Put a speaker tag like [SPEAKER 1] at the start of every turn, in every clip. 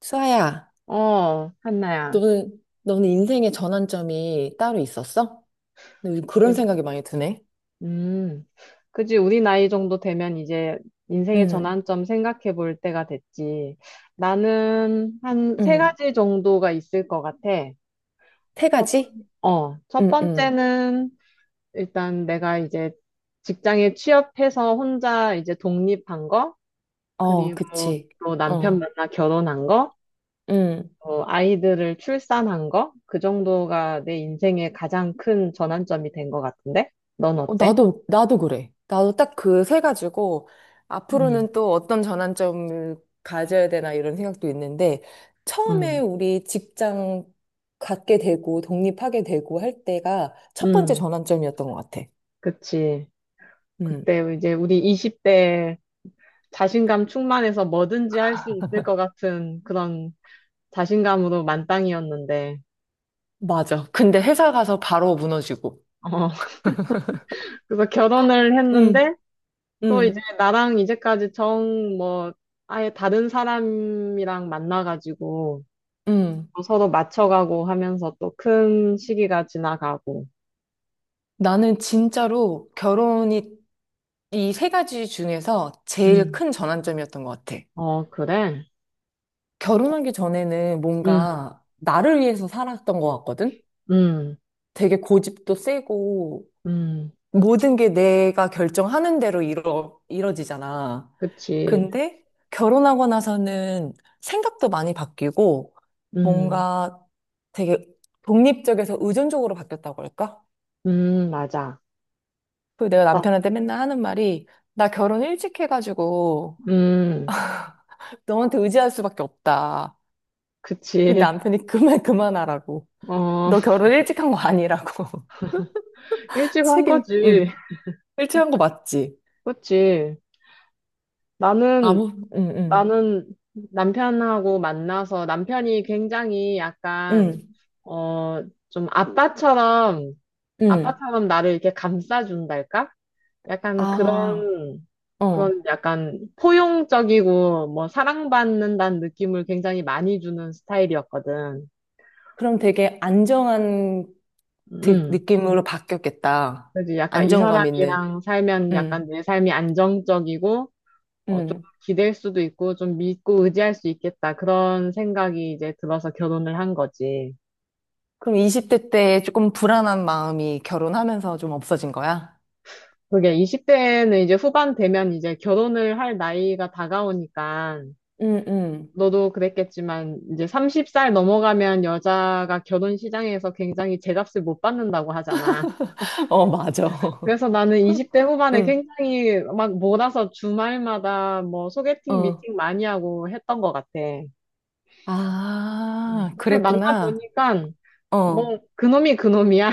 [SPEAKER 1] 수아야,
[SPEAKER 2] 어, 한나야.
[SPEAKER 1] 너는 인생의 전환점이 따로 있었어? 나 요즘 그런
[SPEAKER 2] 그,
[SPEAKER 1] 생각이 많이 드네.
[SPEAKER 2] 음, 그지. 우리 나이 정도 되면 이제 인생의
[SPEAKER 1] 응,
[SPEAKER 2] 전환점 생각해 볼 때가 됐지. 나는 한 세
[SPEAKER 1] 응,
[SPEAKER 2] 가지 정도가 있을 것 같아.
[SPEAKER 1] 세
[SPEAKER 2] 첫, 번-
[SPEAKER 1] 가지?
[SPEAKER 2] 첫
[SPEAKER 1] 응, 응.
[SPEAKER 2] 번째는 일단 내가 이제 직장에 취업해서 혼자 이제 독립한 거,
[SPEAKER 1] 어,
[SPEAKER 2] 그리고
[SPEAKER 1] 그치.
[SPEAKER 2] 또 남편
[SPEAKER 1] 어.
[SPEAKER 2] 만나 결혼한 거,
[SPEAKER 1] 응.
[SPEAKER 2] 또 아이들을 출산한 거, 그 정도가 내 인생의 가장 큰 전환점이 된 것 같은데? 넌
[SPEAKER 1] 어,
[SPEAKER 2] 어때?
[SPEAKER 1] 나도 그래. 나도 딱 그 세 가지고,
[SPEAKER 2] 음,
[SPEAKER 1] 앞으로는 또 어떤 전환점을 가져야 되나 이런 생각도 있는데, 처음에
[SPEAKER 2] 음,
[SPEAKER 1] 우리 직장 갖게 되고, 독립하게 되고 할 때가 첫 번째
[SPEAKER 2] 음,
[SPEAKER 1] 전환점이었던 것 같아.
[SPEAKER 2] 그치.
[SPEAKER 1] 응.
[SPEAKER 2] 그때 이제 우리 20대 자신감 충만해서 뭐든지 할 수 있을 것 같은 그런 자신감으로 만땅이었는데,
[SPEAKER 1] 맞아. 근데 회사 가서 바로 무너지고.
[SPEAKER 2] 어, 그래서 결혼을
[SPEAKER 1] 응,
[SPEAKER 2] 했는데, 또 이제
[SPEAKER 1] 응,
[SPEAKER 2] 나랑 이제까지 뭐, 아예 다른 사람이랑 만나가지고,
[SPEAKER 1] 응.
[SPEAKER 2] 또 서로 맞춰가고 하면서 또 큰 시기가 지나가고,
[SPEAKER 1] 나는 진짜로 결혼이 이 세 가지 중에서 제일
[SPEAKER 2] 음,
[SPEAKER 1] 큰 전환점이었던 것 같아.
[SPEAKER 2] 어, 그래?
[SPEAKER 1] 결혼하기 전에는
[SPEAKER 2] 음,
[SPEAKER 1] 뭔가 나를 위해서 살았던 것 같거든?
[SPEAKER 2] 음,
[SPEAKER 1] 되게 고집도 세고
[SPEAKER 2] 음,
[SPEAKER 1] 모든 게 내가 결정하는 대로 이뤄지잖아.
[SPEAKER 2] 그치.
[SPEAKER 1] 근데 결혼하고 나서는 생각도 많이 바뀌고
[SPEAKER 2] 음,
[SPEAKER 1] 뭔가 되게 독립적에서 의존적으로 바뀌었다고 할까?
[SPEAKER 2] 맞아.
[SPEAKER 1] 그 내가
[SPEAKER 2] 아,
[SPEAKER 1] 남편한테 맨날 하는 말이 나 결혼 일찍 해가지고
[SPEAKER 2] 음,
[SPEAKER 1] 너한테 의지할 수밖에 없다. 근데
[SPEAKER 2] 그치.
[SPEAKER 1] 남편이 그만 그만하라고.
[SPEAKER 2] 어,
[SPEAKER 1] 너 결혼 일찍 한 거 아니라고.
[SPEAKER 2] 일찍 한
[SPEAKER 1] 책임,
[SPEAKER 2] 거지.
[SPEAKER 1] 응. 일찍 한 거 맞지?
[SPEAKER 2] 그치. 나는,
[SPEAKER 1] 아무, 응, 응,
[SPEAKER 2] 나는 남편하고 만나서 남편이 굉장히 약간,
[SPEAKER 1] 응,
[SPEAKER 2] 어, 좀 아빠처럼,
[SPEAKER 1] 응.
[SPEAKER 2] 아빠처럼 나를 이렇게 감싸준달까? 약간
[SPEAKER 1] 아,
[SPEAKER 2] 그런,
[SPEAKER 1] 어.
[SPEAKER 2] 그런 약간 포용적이고, 뭐, 사랑받는다는 느낌을 굉장히 많이 주는 스타일이었거든.
[SPEAKER 1] 그럼 되게 안정한
[SPEAKER 2] 음.
[SPEAKER 1] 느낌으로 바뀌었겠다.
[SPEAKER 2] 그지. 약간 이
[SPEAKER 1] 안정감 있는.
[SPEAKER 2] 사람이랑 살면
[SPEAKER 1] 응,
[SPEAKER 2] 약간 내 삶이 안정적이고, 어, 좀
[SPEAKER 1] 응.
[SPEAKER 2] 기댈 수도 있고, 좀 믿고 의지할 수 있겠다. 그런 생각이 이제 들어서 결혼을 한 거지.
[SPEAKER 1] 그럼 20대 때 조금 불안한 마음이 결혼하면서 좀 없어진 거야?
[SPEAKER 2] 그게 20대는 이제 후반 되면 이제 결혼을 할 나이가 다가오니까,
[SPEAKER 1] 응, 응.
[SPEAKER 2] 너도 그랬겠지만, 이제 30살 넘어가면 여자가 결혼 시장에서 굉장히 제값을 못 받는다고 하잖아.
[SPEAKER 1] 어, 맞아.
[SPEAKER 2] 그래서 나는 20대 후반에
[SPEAKER 1] 응,
[SPEAKER 2] 굉장히 막 몰아서 주말마다 뭐 소개팅,
[SPEAKER 1] 어.
[SPEAKER 2] 미팅 많이 하고 했던 것 같아.
[SPEAKER 1] 아,
[SPEAKER 2] 근데
[SPEAKER 1] 그랬구나.
[SPEAKER 2] 만나보니까,
[SPEAKER 1] 어.
[SPEAKER 2] 뭐, 그놈이 그놈이야.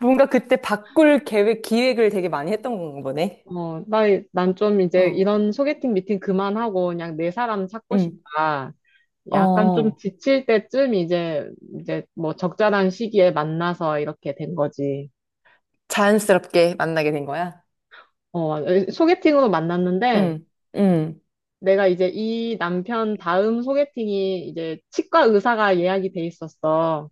[SPEAKER 1] 뭔가 그때 바꿀 계획, 기획을 되게 많이 했던 건가 보네.
[SPEAKER 2] 어, 나, 난 좀 이제
[SPEAKER 1] 어,
[SPEAKER 2] 이런 소개팅 미팅 그만하고 그냥 내 사람 찾고
[SPEAKER 1] 응,
[SPEAKER 2] 싶다. 약간 좀
[SPEAKER 1] 어.
[SPEAKER 2] 지칠 때쯤 이제, 이제 뭐 적절한 시기에 만나서 이렇게 된 거지.
[SPEAKER 1] 자연스럽게 만나게 된 거야?
[SPEAKER 2] 어, 소개팅으로 만났는데
[SPEAKER 1] 응, 응,
[SPEAKER 2] 내가 이제 이 남편 다음 소개팅이 이제 치과 의사가 예약이 돼 있었어.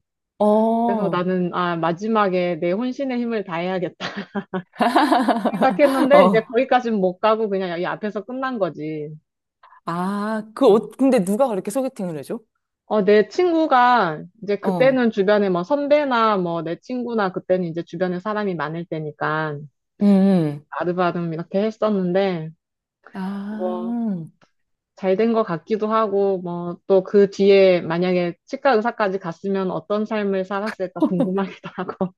[SPEAKER 2] 그래서
[SPEAKER 1] 어.
[SPEAKER 2] 나는, 아, 마지막에 내 혼신의 힘을 다해야겠다 생각했는데 이제
[SPEAKER 1] 어.
[SPEAKER 2] 거기까지는 못 가고 그냥 여기 앞에서 끝난 거지.
[SPEAKER 1] 아, 근데 누가 그렇게 소개팅을 해줘?
[SPEAKER 2] 어, 내 친구가 이제
[SPEAKER 1] 어.
[SPEAKER 2] 그때는 주변에 뭐 선배나 뭐 내 친구나 그때는 이제 주변에 사람이 많을 때니까
[SPEAKER 1] 음.
[SPEAKER 2] 아르바름 이렇게 했었는데
[SPEAKER 1] 아.
[SPEAKER 2] 뭐 잘 된 것 같기도 하고 뭐 또 그 뒤에 만약에 치과 의사까지 갔으면 어떤 삶을 살았을까 궁금하기도 하고.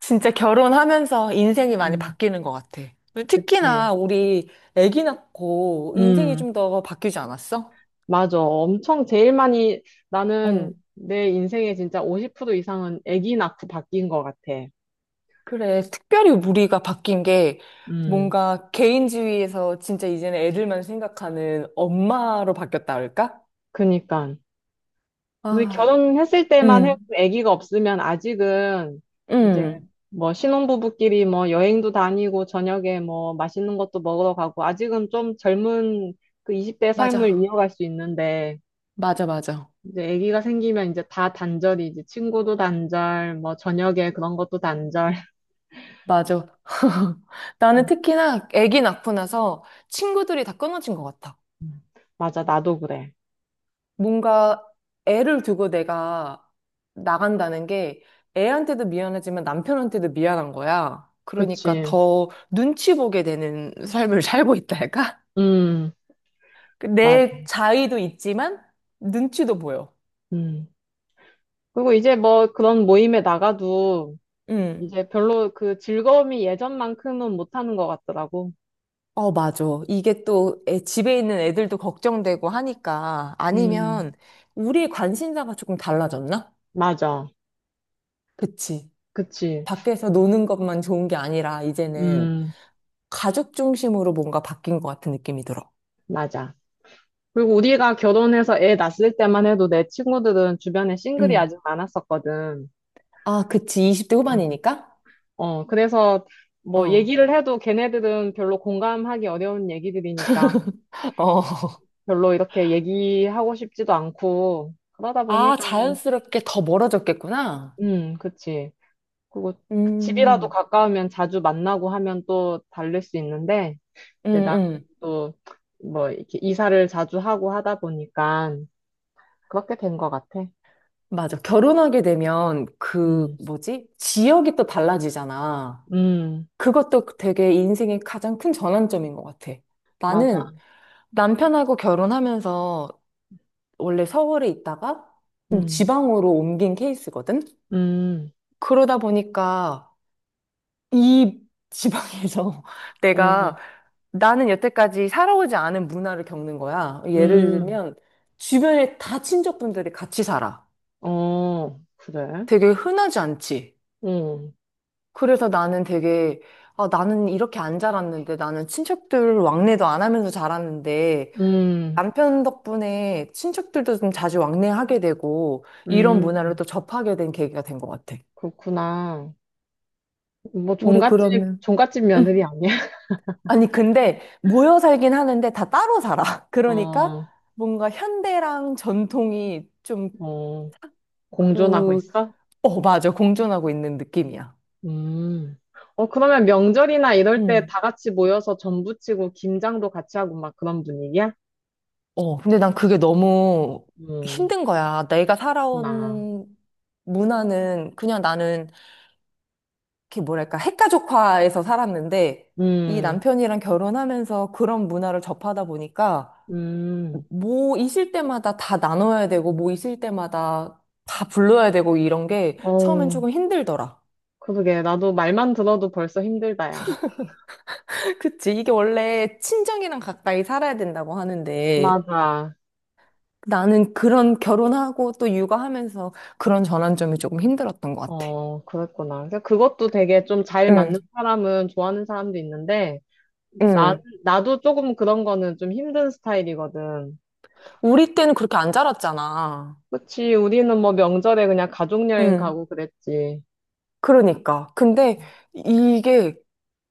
[SPEAKER 1] 진짜 결혼하면서 인생이 많이
[SPEAKER 2] 음,
[SPEAKER 1] 바뀌는 것 같아.
[SPEAKER 2] 그치.
[SPEAKER 1] 특히나 우리 아기 낳고 인생이
[SPEAKER 2] 음,
[SPEAKER 1] 좀 더 바뀌지 않았어?
[SPEAKER 2] 맞아. 엄청 제일 많이 나는
[SPEAKER 1] 응,
[SPEAKER 2] 내 인생에 진짜 50% 이상은 아기 낳고 바뀐 것 같아.
[SPEAKER 1] 그래. 특별히 우리가 바뀐 게
[SPEAKER 2] 음,
[SPEAKER 1] 뭔가 개인주의에서 진짜 이제는 애들만 생각하는 엄마로 바뀌었다 할까?
[SPEAKER 2] 그니까. 우리
[SPEAKER 1] 아,
[SPEAKER 2] 결혼했을 때만 해,
[SPEAKER 1] 응,
[SPEAKER 2] 아기가 없으면 아직은 이제
[SPEAKER 1] 응.
[SPEAKER 2] 뭐 신혼부부끼리 뭐 여행도 다니고 저녁에 뭐 맛있는 것도 먹으러 가고 아직은 좀 젊은 그 20대 삶을
[SPEAKER 1] 맞아.
[SPEAKER 2] 이어갈 수 있는데
[SPEAKER 1] 맞아, 맞아.
[SPEAKER 2] 이제 아기가 생기면 이제 다 단절이 지 친구도 단절 뭐 저녁에 그런 것도 단절
[SPEAKER 1] 맞아. 나는
[SPEAKER 2] 음,
[SPEAKER 1] 특히나 아기 낳고 나서 친구들이 다 끊어진 것 같아.
[SPEAKER 2] 음. 맞아 나도 그래
[SPEAKER 1] 뭔가 애를 두고 내가 나간다는 게 애한테도 미안하지만 남편한테도 미안한 거야. 그러니까
[SPEAKER 2] 그치
[SPEAKER 1] 더 눈치 보게 되는 삶을 살고 있다 할까?
[SPEAKER 2] 음 맞아
[SPEAKER 1] 그내 자의도 있지만 눈치도 보여.
[SPEAKER 2] 음 그리고 이제 뭐 그런 모임에 나가도
[SPEAKER 1] 응.
[SPEAKER 2] 이제 별로 그 즐거움이 예전만큼은 못하는 것 같더라고.
[SPEAKER 1] 어, 맞아. 이게 또 집에 있는 애들도 걱정되고 하니까
[SPEAKER 2] 음,
[SPEAKER 1] 아니면 우리의 관심사가 조금 달라졌나?
[SPEAKER 2] 맞아.
[SPEAKER 1] 그치.
[SPEAKER 2] 그치.
[SPEAKER 1] 밖에서 노는 것만 좋은 게 아니라 이제는
[SPEAKER 2] 음,
[SPEAKER 1] 가족 중심으로 뭔가 바뀐 것 같은 느낌이 들어.
[SPEAKER 2] 맞아. 그리고 우리가 결혼해서 애 낳았을 때만 해도 내 친구들은 주변에 싱글이
[SPEAKER 1] 응.
[SPEAKER 2] 아직 많았었거든.
[SPEAKER 1] 아, 그치. 20대
[SPEAKER 2] 음.
[SPEAKER 1] 후반이니까?
[SPEAKER 2] 어, 그래서
[SPEAKER 1] 어.
[SPEAKER 2] 뭐
[SPEAKER 1] 어.
[SPEAKER 2] 얘기를 해도 걔네들은 별로 공감하기 어려운 얘기들이니까 별로 이렇게 얘기하고 싶지도 않고 그러다
[SPEAKER 1] 아,
[SPEAKER 2] 보니까는,
[SPEAKER 1] 자연스럽게 더 멀어졌겠구나.
[SPEAKER 2] 그치. 그리고 집이라도
[SPEAKER 1] 음,
[SPEAKER 2] 가까우면 자주 만나고 하면 또 다를 수 있는데
[SPEAKER 1] 음,
[SPEAKER 2] 이제 나는
[SPEAKER 1] 음.
[SPEAKER 2] 또 뭐 이렇게 이사를 자주 하고 하다 보니까 그렇게 된 것 같아.
[SPEAKER 1] 맞아. 결혼하게 되면 그,
[SPEAKER 2] 음,
[SPEAKER 1] 뭐지? 지역이 또 달라지잖아.
[SPEAKER 2] 음,
[SPEAKER 1] 그것도 되게 인생의 가장 큰 전환점인 것 같아. 나는
[SPEAKER 2] 맞아.
[SPEAKER 1] 남편하고 결혼하면서 원래 서울에 있다가 좀
[SPEAKER 2] 음,
[SPEAKER 1] 지방으로 옮긴 케이스거든?
[SPEAKER 2] 음,
[SPEAKER 1] 그러다 보니까 이 지방에서
[SPEAKER 2] 어,
[SPEAKER 1] 내가 나는 여태까지 살아오지 않은 문화를 겪는 거야. 예를
[SPEAKER 2] 음,
[SPEAKER 1] 들면 주변에 다 친척분들이 같이 살아.
[SPEAKER 2] 어, 그래.
[SPEAKER 1] 되게 흔하지 않지.
[SPEAKER 2] 음,
[SPEAKER 1] 그래서 나는 되게 아, 나는 이렇게 안 자랐는데 나는 친척들 왕래도 안 하면서 자랐는데
[SPEAKER 2] 음,
[SPEAKER 1] 남편 덕분에 친척들도 좀 자주 왕래하게 되고 이런 문화를
[SPEAKER 2] 음,
[SPEAKER 1] 또 접하게 된 계기가 된 것 같아.
[SPEAKER 2] 그렇구나. 뭐
[SPEAKER 1] 우리
[SPEAKER 2] 종갓집,
[SPEAKER 1] 그러면
[SPEAKER 2] 종갓집 며느리
[SPEAKER 1] 응.
[SPEAKER 2] 아니야?
[SPEAKER 1] 아니, 근데 모여 살긴 하는데 다 따로 살아. 그러니까
[SPEAKER 2] 어,
[SPEAKER 1] 뭔가 현대랑 전통이 좀
[SPEAKER 2] 어, 공존하고
[SPEAKER 1] 그,
[SPEAKER 2] 있어?
[SPEAKER 1] 어, 맞아. 공존하고 있는 느낌이야.
[SPEAKER 2] 음. 어, 그러면 명절이나 이럴 때
[SPEAKER 1] 응.
[SPEAKER 2] 다 같이 모여서 전부치고 김장도 같이 하고 막 그런 분위기야?
[SPEAKER 1] 어, 근데 난 그게 너무
[SPEAKER 2] 음,
[SPEAKER 1] 힘든 거야. 내가
[SPEAKER 2] 나.
[SPEAKER 1] 살아온 문화는 그냥 나는 이렇게 뭐랄까 핵가족화에서 살았는데 이
[SPEAKER 2] 음,
[SPEAKER 1] 남편이랑 결혼하면서 그런 문화를 접하다 보니까
[SPEAKER 2] 음,
[SPEAKER 1] 뭐 있을 때마다 다 나눠야 되고, 뭐 있을 때마다 다 불러야 되고, 이런 게 처음엔
[SPEAKER 2] 어,
[SPEAKER 1] 조금 힘들더라.
[SPEAKER 2] 그러게. 나도 말만 들어도 벌써 힘들다, 야.
[SPEAKER 1] 그치. 이게 원래 친정이랑 가까이 살아야 된다고 하는데,
[SPEAKER 2] 맞아.
[SPEAKER 1] 나는 그런 결혼하고 또 육아하면서 그런 전환점이 조금 힘들었던 것 같아.
[SPEAKER 2] 어, 그랬구나. 그래서 그것도 되게 좀 잘
[SPEAKER 1] 응,
[SPEAKER 2] 맞는 사람은 좋아하는 사람도 있는데, 나,
[SPEAKER 1] 응.
[SPEAKER 2] 나도 조금 그런 거는 좀 힘든 스타일이거든.
[SPEAKER 1] 우리 때는 그렇게 안 자랐잖아.
[SPEAKER 2] 그치, 우리는 뭐 명절에 그냥 가족여행
[SPEAKER 1] 응.
[SPEAKER 2] 가고 그랬지.
[SPEAKER 1] 그러니까. 근데 이게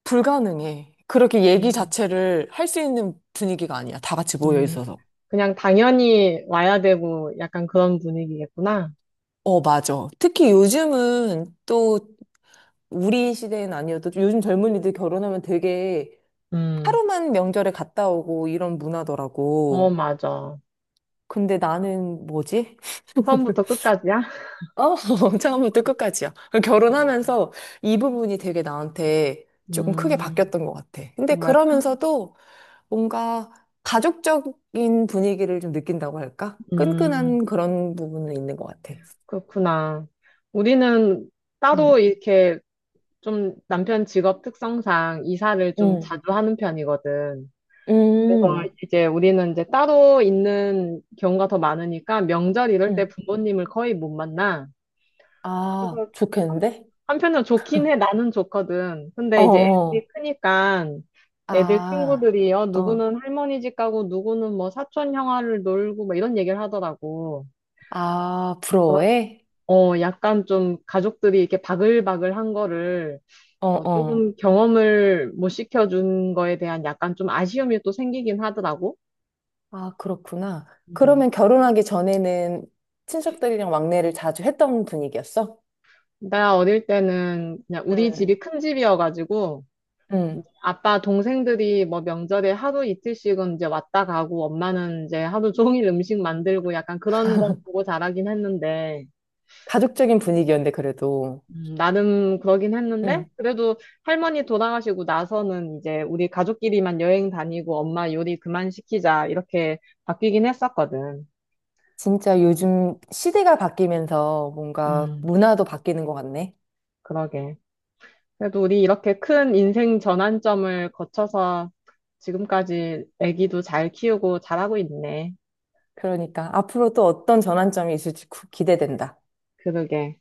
[SPEAKER 1] 불가능해. 그렇게 얘기
[SPEAKER 2] 음,
[SPEAKER 1] 자체를 할 수 있는 분위기가 아니야. 다 같이 모여
[SPEAKER 2] 음,
[SPEAKER 1] 있어서.
[SPEAKER 2] 그냥 당연히 와야 되고 약간 그런 분위기겠구나.
[SPEAKER 1] 어, 맞아. 특히 요즘은 또 우리 시대는 아니어도 요즘 젊은이들 결혼하면 되게
[SPEAKER 2] 음,
[SPEAKER 1] 하루만 명절에 갔다 오고 이런
[SPEAKER 2] 어,
[SPEAKER 1] 문화더라고.
[SPEAKER 2] 맞아.
[SPEAKER 1] 근데 나는 뭐지?
[SPEAKER 2] 처음부터 끝까지야?
[SPEAKER 1] 어, 처음부터 끝까지야. 결혼하면서 이 부분이 되게 나한테 조금 크게
[SPEAKER 2] 음,
[SPEAKER 1] 바뀌었던 것 같아. 근데
[SPEAKER 2] 정말
[SPEAKER 1] 그러면서도 뭔가 가족적인 분위기를 좀 느낀다고 할까?
[SPEAKER 2] 음,
[SPEAKER 1] 끈끈한 그런 부분은 있는 것 같아.
[SPEAKER 2] 그렇구나. 우리는
[SPEAKER 1] 음,
[SPEAKER 2] 따로 이렇게 좀 남편 직업 특성상 이사를 좀
[SPEAKER 1] 음,
[SPEAKER 2] 자주 하는 편이거든. 그래서
[SPEAKER 1] 음,
[SPEAKER 2] 이제 우리는 이제 따로 있는 경우가 더 많으니까 명절 이럴 때
[SPEAKER 1] 음.
[SPEAKER 2] 부모님을 거의 못 만나.
[SPEAKER 1] 아,
[SPEAKER 2] 그래서 한-
[SPEAKER 1] 좋겠는데?
[SPEAKER 2] 한편으로 좋긴 해. 나는 좋거든.
[SPEAKER 1] 어,
[SPEAKER 2] 근데 이제
[SPEAKER 1] 어,
[SPEAKER 2] 애들이 크니까 애들
[SPEAKER 1] 아,
[SPEAKER 2] 친구들이 어,
[SPEAKER 1] 어,
[SPEAKER 2] 누구는 할머니 집 가고 누구는 뭐 사촌 형아를 놀고 막 이런 얘기를 하더라고.
[SPEAKER 1] 아, 부러워해?
[SPEAKER 2] 어, 약간 좀 가족들이 이렇게 바글바글한 거를
[SPEAKER 1] 어,
[SPEAKER 2] 어,
[SPEAKER 1] 어.
[SPEAKER 2] 조금 경험을 못 시켜준 거에 대한 약간 좀 아쉬움이 또 생기긴 하더라고.
[SPEAKER 1] 아, 그렇구나.
[SPEAKER 2] 음.
[SPEAKER 1] 그러면 결혼하기 전에는 친척들이랑 왕래를 자주 했던 분위기였어?
[SPEAKER 2] 나 어릴 때는 그냥 우리
[SPEAKER 1] 응,
[SPEAKER 2] 집이 큰 집이어가지고
[SPEAKER 1] 응,
[SPEAKER 2] 아빠 동생들이 뭐 명절에 하루 이틀씩은 이제 왔다 가고 엄마는 이제 하루 종일 음식 만들고 약간 그런 거 보고 자라긴 했는데
[SPEAKER 1] 가족적인 분위기였는데, 그래도.
[SPEAKER 2] 나름 그러긴 했는데,
[SPEAKER 1] 응.
[SPEAKER 2] 그래도 할머니 돌아가시고 나서는 이제 우리 가족끼리만 여행 다니고 엄마 요리 그만 시키자, 이렇게 바뀌긴 했었거든.
[SPEAKER 1] 진짜 요즘 시대가 바뀌면서 뭔가
[SPEAKER 2] 음,
[SPEAKER 1] 문화도 바뀌는 것 같네.
[SPEAKER 2] 그러게. 그래도 우리 이렇게 큰 인생 전환점을 거쳐서 지금까지 아기도 잘 키우고 잘하고 있네.
[SPEAKER 1] 그러니까 앞으로 또 어떤 전환점이 있을지 기대된다.
[SPEAKER 2] 그러게.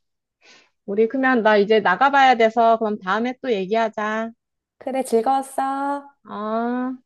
[SPEAKER 2] 우리 그러면 나 이제 나가봐야 돼서 그럼 다음에 또 얘기하자.
[SPEAKER 1] 그래, 즐거웠어.
[SPEAKER 2] 아.